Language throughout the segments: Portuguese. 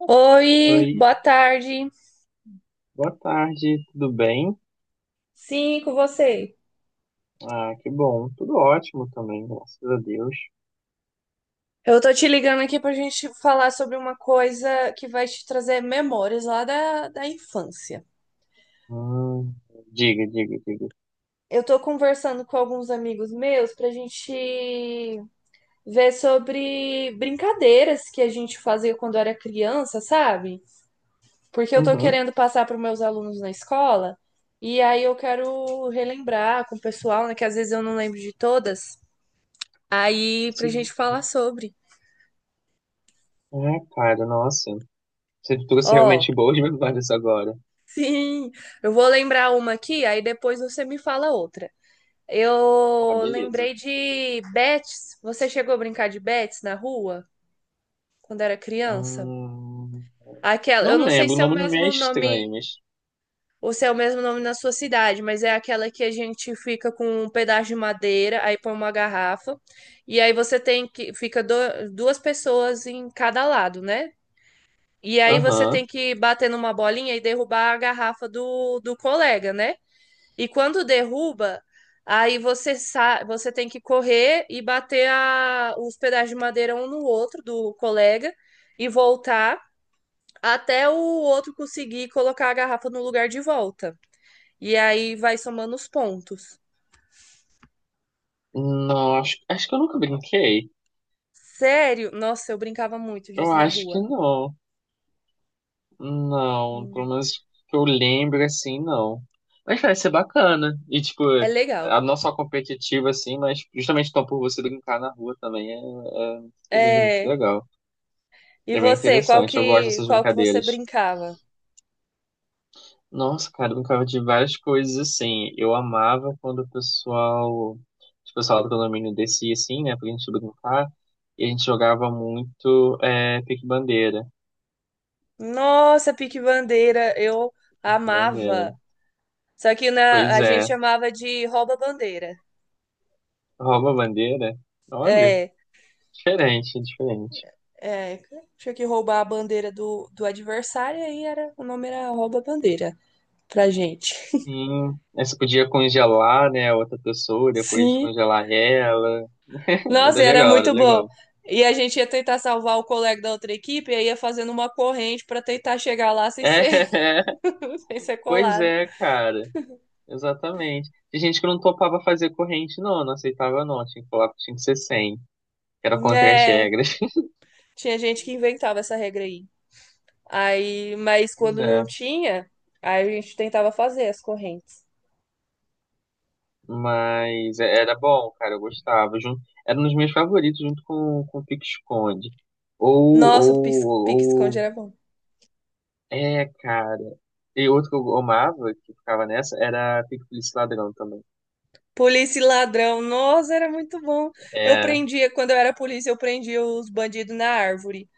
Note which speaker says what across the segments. Speaker 1: Oi,
Speaker 2: Oi,
Speaker 1: boa tarde.
Speaker 2: boa tarde, tudo bem?
Speaker 1: Sim, com você.
Speaker 2: Ah, que bom, tudo ótimo também, graças a Deus.
Speaker 1: Eu tô te ligando aqui pra gente falar sobre uma coisa que vai te trazer memórias lá da infância.
Speaker 2: Hum, diga, diga, diga.
Speaker 1: Eu tô conversando com alguns amigos meus pra gente ver sobre brincadeiras que a gente fazia quando era criança, sabe? Porque eu tô
Speaker 2: Uhum,
Speaker 1: querendo passar para meus alunos na escola e aí eu quero relembrar com o pessoal, né, que às vezes eu não lembro de todas. Aí pra
Speaker 2: sim.
Speaker 1: gente falar sobre.
Speaker 2: É, cara, nossa, você trouxe
Speaker 1: Ó,
Speaker 2: realmente boas memórias agora.
Speaker 1: sim, eu vou lembrar uma aqui, aí depois você me fala outra.
Speaker 2: Ah,
Speaker 1: Eu
Speaker 2: beleza.
Speaker 1: lembrei de bets. Você chegou a brincar de bets na rua quando era criança?
Speaker 2: Hum,
Speaker 1: Aquela,
Speaker 2: não
Speaker 1: eu não sei
Speaker 2: lembro, o
Speaker 1: se é o
Speaker 2: nome não me é
Speaker 1: mesmo
Speaker 2: estranho,
Speaker 1: nome
Speaker 2: mas...
Speaker 1: ou se é o mesmo nome na sua cidade, mas é aquela que a gente fica com um pedaço de madeira, aí põe uma garrafa e aí você tem que duas pessoas em cada lado, né? E aí você
Speaker 2: Aham.
Speaker 1: tem que bater numa bolinha e derrubar a garrafa do colega, né? E quando derruba, aí você sa você tem que correr e bater os pedaços de madeira um no outro do colega e voltar até o outro conseguir colocar a garrafa no lugar de volta. E aí vai somando os pontos.
Speaker 2: Não, acho que eu nunca brinquei.
Speaker 1: Sério? Nossa, eu brincava muito
Speaker 2: Eu
Speaker 1: disso na
Speaker 2: acho que
Speaker 1: rua.
Speaker 2: não. Não, pelo
Speaker 1: Hum,
Speaker 2: menos que eu lembro assim, não. Mas vai ser bacana. E tipo,
Speaker 1: É legal.
Speaker 2: a não só competitiva assim, mas justamente então por você brincar na rua também é muito
Speaker 1: É.
Speaker 2: legal.
Speaker 1: E
Speaker 2: É bem
Speaker 1: você, qual
Speaker 2: interessante. Eu gosto
Speaker 1: que
Speaker 2: dessas
Speaker 1: qual que você
Speaker 2: brincadeiras.
Speaker 1: brincava?
Speaker 2: Nossa, cara, eu brincava de várias coisas assim. Eu amava quando o pessoal, tipo, o pessoal do condomínio descia assim, né, pra gente brincar. E a gente jogava muito pique-bandeira.
Speaker 1: Nossa, pique bandeira, eu
Speaker 2: Pique-bandeira.
Speaker 1: amava. Só que
Speaker 2: Pois
Speaker 1: a gente
Speaker 2: é,
Speaker 1: chamava de rouba-bandeira.
Speaker 2: rouba-bandeira. Olha.
Speaker 1: É,
Speaker 2: Diferente, diferente.
Speaker 1: é, tinha que roubar a bandeira do adversário e aí era, o nome era rouba-bandeira pra gente.
Speaker 2: Sim, aí você podia congelar, né, a outra pessoa, depois
Speaker 1: Sim.
Speaker 2: descongelar ela. Era
Speaker 1: Nossa, e era
Speaker 2: legal, era
Speaker 1: muito bom.
Speaker 2: legal.
Speaker 1: E a gente ia tentar salvar o colega da outra equipe e aí ia fazendo uma corrente pra tentar chegar lá sem
Speaker 2: É,
Speaker 1: ser, sem ser
Speaker 2: pois
Speaker 1: colado.
Speaker 2: é, cara. Exatamente. Tem gente que não topava fazer corrente, não, não aceitava, não. Tinha que falar que tinha que ser 100, que era contra as
Speaker 1: É,
Speaker 2: regras.
Speaker 1: tinha gente que inventava essa regra aí. Aí, mas
Speaker 2: Pois
Speaker 1: quando não
Speaker 2: é.
Speaker 1: tinha, aí a gente tentava fazer as correntes.
Speaker 2: Era bom, cara, eu gostava. Jun- Era um dos meus favoritos, junto com o Pique-Esconde.
Speaker 1: Nossa, o pique-esconde
Speaker 2: Ou,
Speaker 1: era bom.
Speaker 2: é, cara. E outro que eu amava, que ficava nessa, era Pique Polícia e Ladrão também.
Speaker 1: Polícia e ladrão. Nossa, era muito bom. Eu
Speaker 2: É.
Speaker 1: prendia, quando eu era polícia, eu prendia os bandidos na árvore.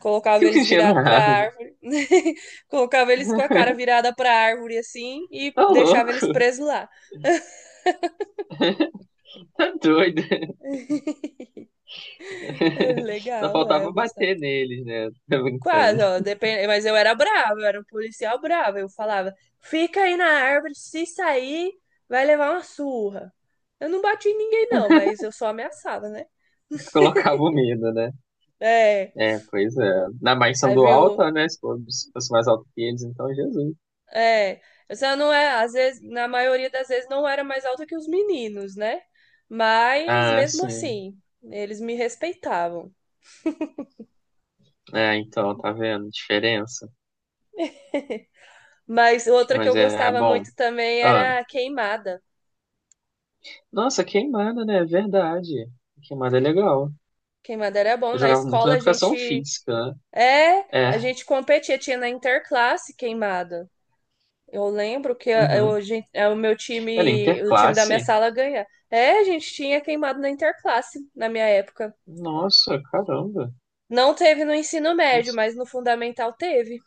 Speaker 1: Colocava
Speaker 2: Fico
Speaker 1: eles
Speaker 2: enchendo a
Speaker 1: virados pra
Speaker 2: água.
Speaker 1: árvore. Colocava eles com a cara virada pra árvore, assim, e
Speaker 2: Tá louco,
Speaker 1: deixava eles presos lá.
Speaker 2: tá doido.
Speaker 1: É
Speaker 2: Só
Speaker 1: legal, é,
Speaker 2: faltava
Speaker 1: eu gostava.
Speaker 2: bater neles, né? Tá
Speaker 1: Quase,
Speaker 2: brincando.
Speaker 1: ó, depende, mas eu era brava, eu era um policial bravo. Eu falava, fica aí na árvore, se sair, vai levar uma surra. Eu não bati em ninguém, não, mas eu só ameaçava, né?
Speaker 2: Colocava o medo, né?
Speaker 1: É.
Speaker 2: É, pois é. Na mais são
Speaker 1: Aí
Speaker 2: do
Speaker 1: vinha
Speaker 2: alto,
Speaker 1: o
Speaker 2: né? Se fosse mais alto que eles, então Jesus.
Speaker 1: é, essa não é, às vezes, na maioria das vezes não era mais alta que os meninos, né? Mas
Speaker 2: Ah,
Speaker 1: mesmo
Speaker 2: sim.
Speaker 1: assim, eles me respeitavam.
Speaker 2: É, então, tá vendo? Diferença.
Speaker 1: Mas outra que eu
Speaker 2: Mas é, é
Speaker 1: gostava
Speaker 2: bom.
Speaker 1: muito também
Speaker 2: Ah,
Speaker 1: era a queimada.
Speaker 2: nossa, queimada, né? É verdade. Queimada é legal.
Speaker 1: Queimada era bom.
Speaker 2: Eu
Speaker 1: Na
Speaker 2: jogava muito na
Speaker 1: escola a
Speaker 2: educação
Speaker 1: gente
Speaker 2: física, né?
Speaker 1: é, a
Speaker 2: É,
Speaker 1: gente competia, tinha na interclasse queimada. Eu lembro que
Speaker 2: uhum.
Speaker 1: é, o meu
Speaker 2: Cara,
Speaker 1: time, o time da minha
Speaker 2: interclasse?
Speaker 1: sala ganha. É, a gente tinha queimado na interclasse na minha época.
Speaker 2: Nossa, caramba.
Speaker 1: Não teve no ensino médio,
Speaker 2: Isso-
Speaker 1: mas no fundamental teve.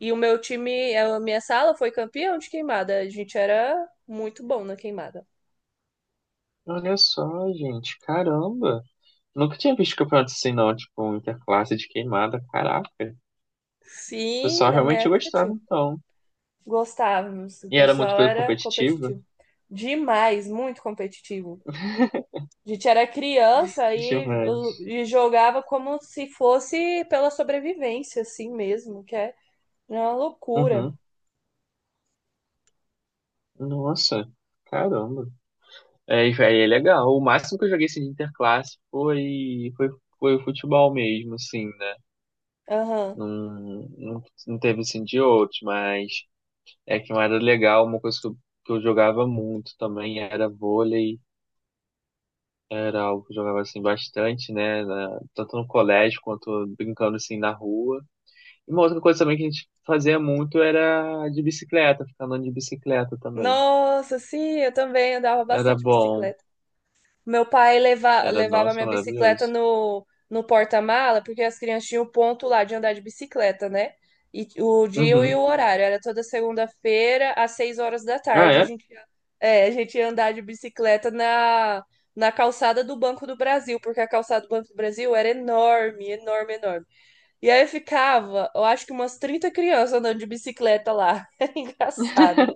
Speaker 1: E o meu time, a minha sala foi campeão de queimada. A gente era muito bom na queimada.
Speaker 2: Olha só, gente, caramba. Nunca tinha visto campeonato assim, não, tipo, um interclasse de queimada, caraca. O
Speaker 1: Sim,
Speaker 2: pessoal
Speaker 1: na minha
Speaker 2: realmente
Speaker 1: época
Speaker 2: gostava,
Speaker 1: tinha.
Speaker 2: então.
Speaker 1: Gostávamos. O
Speaker 2: E era muito
Speaker 1: pessoal era
Speaker 2: competitivo,
Speaker 1: competitivo. Demais, muito competitivo. A gente era criança
Speaker 2: demais.
Speaker 1: e jogava como se fosse pela sobrevivência, assim mesmo, que é uma loucura.
Speaker 2: Uhum. Nossa, caramba. É, e, véi, é legal. O máximo que eu joguei, assim, de interclasse foi futebol mesmo, assim, né?
Speaker 1: Aham.
Speaker 2: Não, não, não teve, assim, de outros, mas... É que não era legal, uma coisa que eu jogava muito também era vôlei, era algo que eu jogava assim bastante, né? na- tanto no colégio quanto brincando assim na rua. E uma outra coisa também que a gente fazia muito era de bicicleta, ficar andando de bicicleta também.
Speaker 1: Nossa, sim, eu também andava
Speaker 2: Era
Speaker 1: bastante de
Speaker 2: bom,
Speaker 1: bicicleta. Meu pai
Speaker 2: era,
Speaker 1: levava
Speaker 2: nossa,
Speaker 1: minha bicicleta
Speaker 2: maravilhoso.
Speaker 1: no porta-mala, porque as crianças tinham ponto lá de andar de bicicleta, né? E o dia e o
Speaker 2: Uhum.
Speaker 1: horário. Era toda segunda-feira, às 6 horas da
Speaker 2: Ah,
Speaker 1: tarde,
Speaker 2: é?
Speaker 1: é, a gente ia andar de bicicleta na calçada do Banco do Brasil, porque a calçada do Banco do Brasil era enorme, enorme, enorme. E aí ficava, eu acho que umas 30 crianças andando de bicicleta lá. Era engraçado.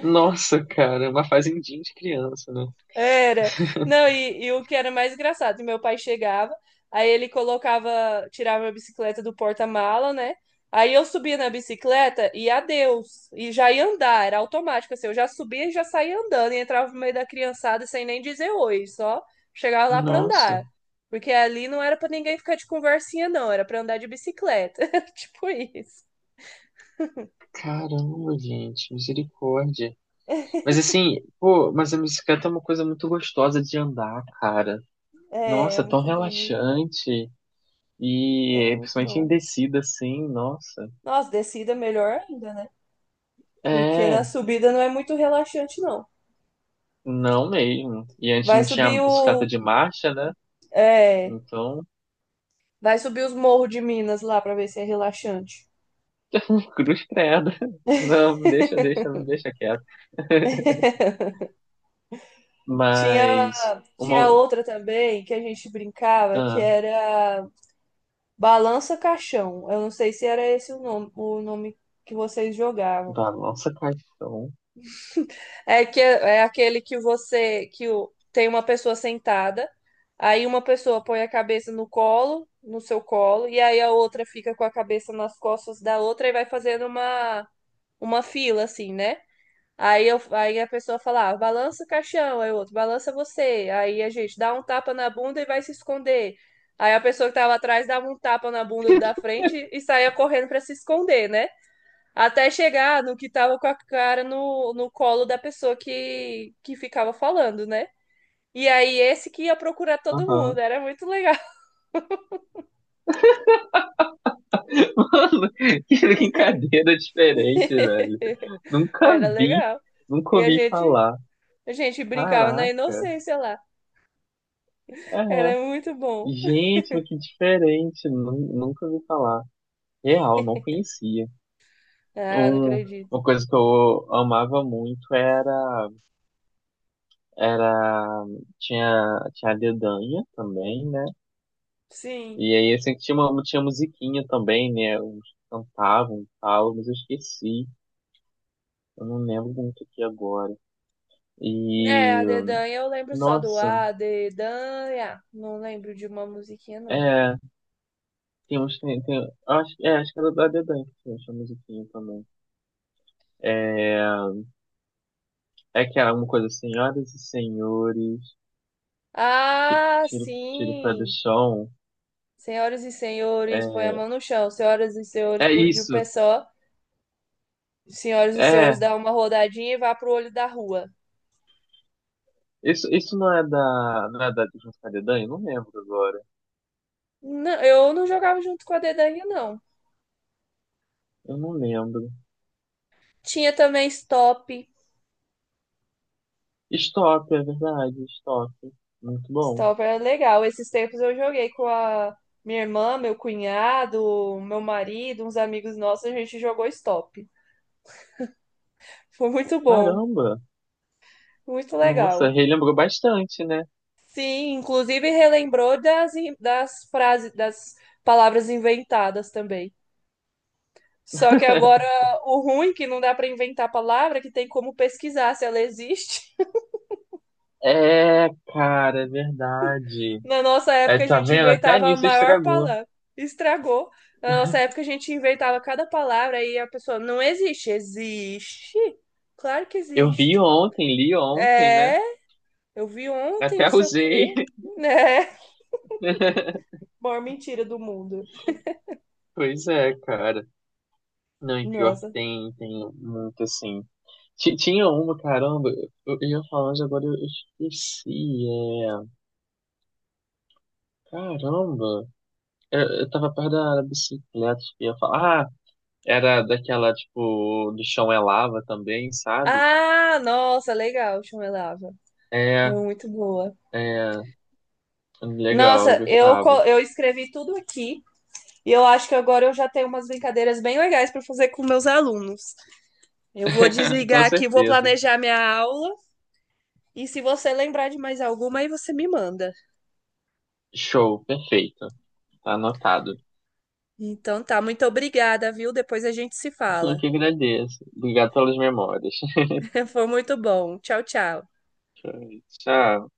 Speaker 2: Nossa, cara, é uma fazendinha de criança, né?
Speaker 1: Era. Não, e o que era mais engraçado, meu pai chegava, aí ele colocava, tirava a bicicleta do porta-mala, né? Aí eu subia na bicicleta e adeus, e já ia andar, era automático, assim, eu já subia e já saía andando, e entrava no meio da criançada sem nem dizer oi, só chegava lá pra
Speaker 2: Nossa,
Speaker 1: andar. Porque ali não era pra ninguém ficar de conversinha, não, era pra andar de bicicleta. Tipo isso.
Speaker 2: caramba, gente, misericórdia. Mas assim, pô, mas a bicicleta é uma coisa muito gostosa de andar, cara.
Speaker 1: É,
Speaker 2: Nossa, é tão
Speaker 1: muito bom, mesmo.
Speaker 2: relaxante.
Speaker 1: É
Speaker 2: E
Speaker 1: muito
Speaker 2: principalmente em
Speaker 1: bom.
Speaker 2: descida, assim, nossa.
Speaker 1: Nossa, descida é melhor ainda, né? Porque na
Speaker 2: É,
Speaker 1: subida não é muito relaxante, não.
Speaker 2: não mesmo. E antes
Speaker 1: Vai
Speaker 2: não tinha
Speaker 1: subir
Speaker 2: bicicleta
Speaker 1: o.
Speaker 2: de marcha, né?
Speaker 1: É,
Speaker 2: Então,
Speaker 1: vai subir os morros de Minas lá pra ver se é relaxante.
Speaker 2: cruz credo. Não, deixa quieto.
Speaker 1: Tinha,
Speaker 2: Mas,
Speaker 1: tinha
Speaker 2: uma.
Speaker 1: outra também que a gente brincava que
Speaker 2: Ah,
Speaker 1: era Balança Caixão. Eu não sei se era esse o nome que vocês jogavam.
Speaker 2: da nossa caixão.
Speaker 1: É que é aquele que tem uma pessoa sentada, aí uma pessoa põe a cabeça no colo, no seu colo, e aí a outra fica com a cabeça nas costas da outra e vai fazendo uma fila, assim, né? Aí a pessoa fala, ah, balança o caixão, aí o outro, balança você. Aí a gente dá um tapa na bunda e vai se esconder. Aí a pessoa que tava atrás dava um tapa na bunda da frente e saía correndo pra se esconder, né? Até chegar no que tava com a cara no colo da pessoa que ficava falando, né? E aí esse que ia procurar todo mundo, era muito legal.
Speaker 2: Mano, que brincadeira diferente, velho. Nunca
Speaker 1: Era
Speaker 2: vi,
Speaker 1: legal.
Speaker 2: nunca
Speaker 1: E a
Speaker 2: ouvi
Speaker 1: gente,
Speaker 2: falar.
Speaker 1: a gente brincava na
Speaker 2: Caraca,
Speaker 1: inocência lá.
Speaker 2: é.
Speaker 1: Era muito bom.
Speaker 2: Gente, mas que diferente. Nu- Nunca ouvi falar. Real, não conhecia.
Speaker 1: Ah, não
Speaker 2: Um,
Speaker 1: acredito.
Speaker 2: uma coisa que eu amava muito era, tinha, tinha a dedanha também, né?
Speaker 1: Sim.
Speaker 2: E aí, assim, tinha uma, tinha musiquinha também, né? Uns cantavam e tal, mas eu esqueci. Eu não lembro muito aqui agora.
Speaker 1: É, a
Speaker 2: E
Speaker 1: Dedanha eu lembro só do
Speaker 2: nossa,
Speaker 1: A Dedanha. Não lembro de uma musiquinha, não.
Speaker 2: é, tem uns, tem, acho, é, acho que era da Dedan que tinha essa musiquinha também. É, é que era uma coisa, assim, senhoras e senhores, ti-
Speaker 1: Ah,
Speaker 2: tiro o pé do
Speaker 1: sim!
Speaker 2: chão.
Speaker 1: Senhoras e
Speaker 2: É
Speaker 1: senhores, põe a mão no chão. Senhoras e senhores,
Speaker 2: é,
Speaker 1: pule de um
Speaker 2: isso,
Speaker 1: pé só. Senhoras e
Speaker 2: é,
Speaker 1: senhores, dá uma rodadinha e vá pro olho da rua.
Speaker 2: isso, não é da de Junto com a Dedan? Eu não lembro agora,
Speaker 1: Não, eu não jogava junto com a Dedanha, não.
Speaker 2: eu não lembro.
Speaker 1: Tinha também Stop.
Speaker 2: Stop, é verdade, stop, muito bom.
Speaker 1: Stop era legal. Esses tempos eu joguei com a minha irmã, meu cunhado, meu marido, uns amigos nossos, a gente jogou Stop. Foi muito bom,
Speaker 2: Caramba,
Speaker 1: muito
Speaker 2: nossa,
Speaker 1: legal.
Speaker 2: relembrou bastante, né?
Speaker 1: Sim, inclusive relembrou das frases, das palavras inventadas também. Só que agora o ruim é que não dá para inventar palavra, que tem como pesquisar se ela existe.
Speaker 2: É, cara, é verdade.
Speaker 1: Na nossa
Speaker 2: É,
Speaker 1: época a
Speaker 2: tá
Speaker 1: gente
Speaker 2: vendo? Até
Speaker 1: inventava a
Speaker 2: nisso
Speaker 1: maior
Speaker 2: estragou.
Speaker 1: palavra. Estragou. Na nossa época a gente inventava cada palavra e a pessoa não existe. Existe? Claro que
Speaker 2: Eu vi
Speaker 1: existe.
Speaker 2: ontem, li ontem, né?
Speaker 1: É, eu vi ontem,
Speaker 2: Até
Speaker 1: não sei o
Speaker 2: usei.
Speaker 1: quê. Né? Maior mentira do mundo.
Speaker 2: Pois é, cara. Não, e pior que
Speaker 1: Nossa.
Speaker 2: tem, tem muito assim. Ti- Tinha uma, caramba, eu ia falando agora, eu esqueci. É... Caramba, eu tava perto da bicicleta, eu ia falar. Ah, era daquela, tipo, do chão é lava também, sabe?
Speaker 1: Ah, nossa, legal, chumelava.
Speaker 2: É,
Speaker 1: É muito boa.
Speaker 2: é, legal, eu
Speaker 1: Nossa,
Speaker 2: gostava.
Speaker 1: eu escrevi tudo aqui e eu acho que agora eu já tenho umas brincadeiras bem legais para fazer com meus alunos. Eu vou
Speaker 2: Com
Speaker 1: desligar aqui, vou
Speaker 2: certeza.
Speaker 1: planejar minha aula e se você lembrar de mais alguma, aí você me manda.
Speaker 2: Show, perfeito. Tá anotado.
Speaker 1: Então tá, muito obrigada, viu? Depois a gente se
Speaker 2: Eu
Speaker 1: fala.
Speaker 2: que agradeço. Obrigado pelas memórias.
Speaker 1: Foi muito bom. Tchau, tchau.
Speaker 2: Tchau.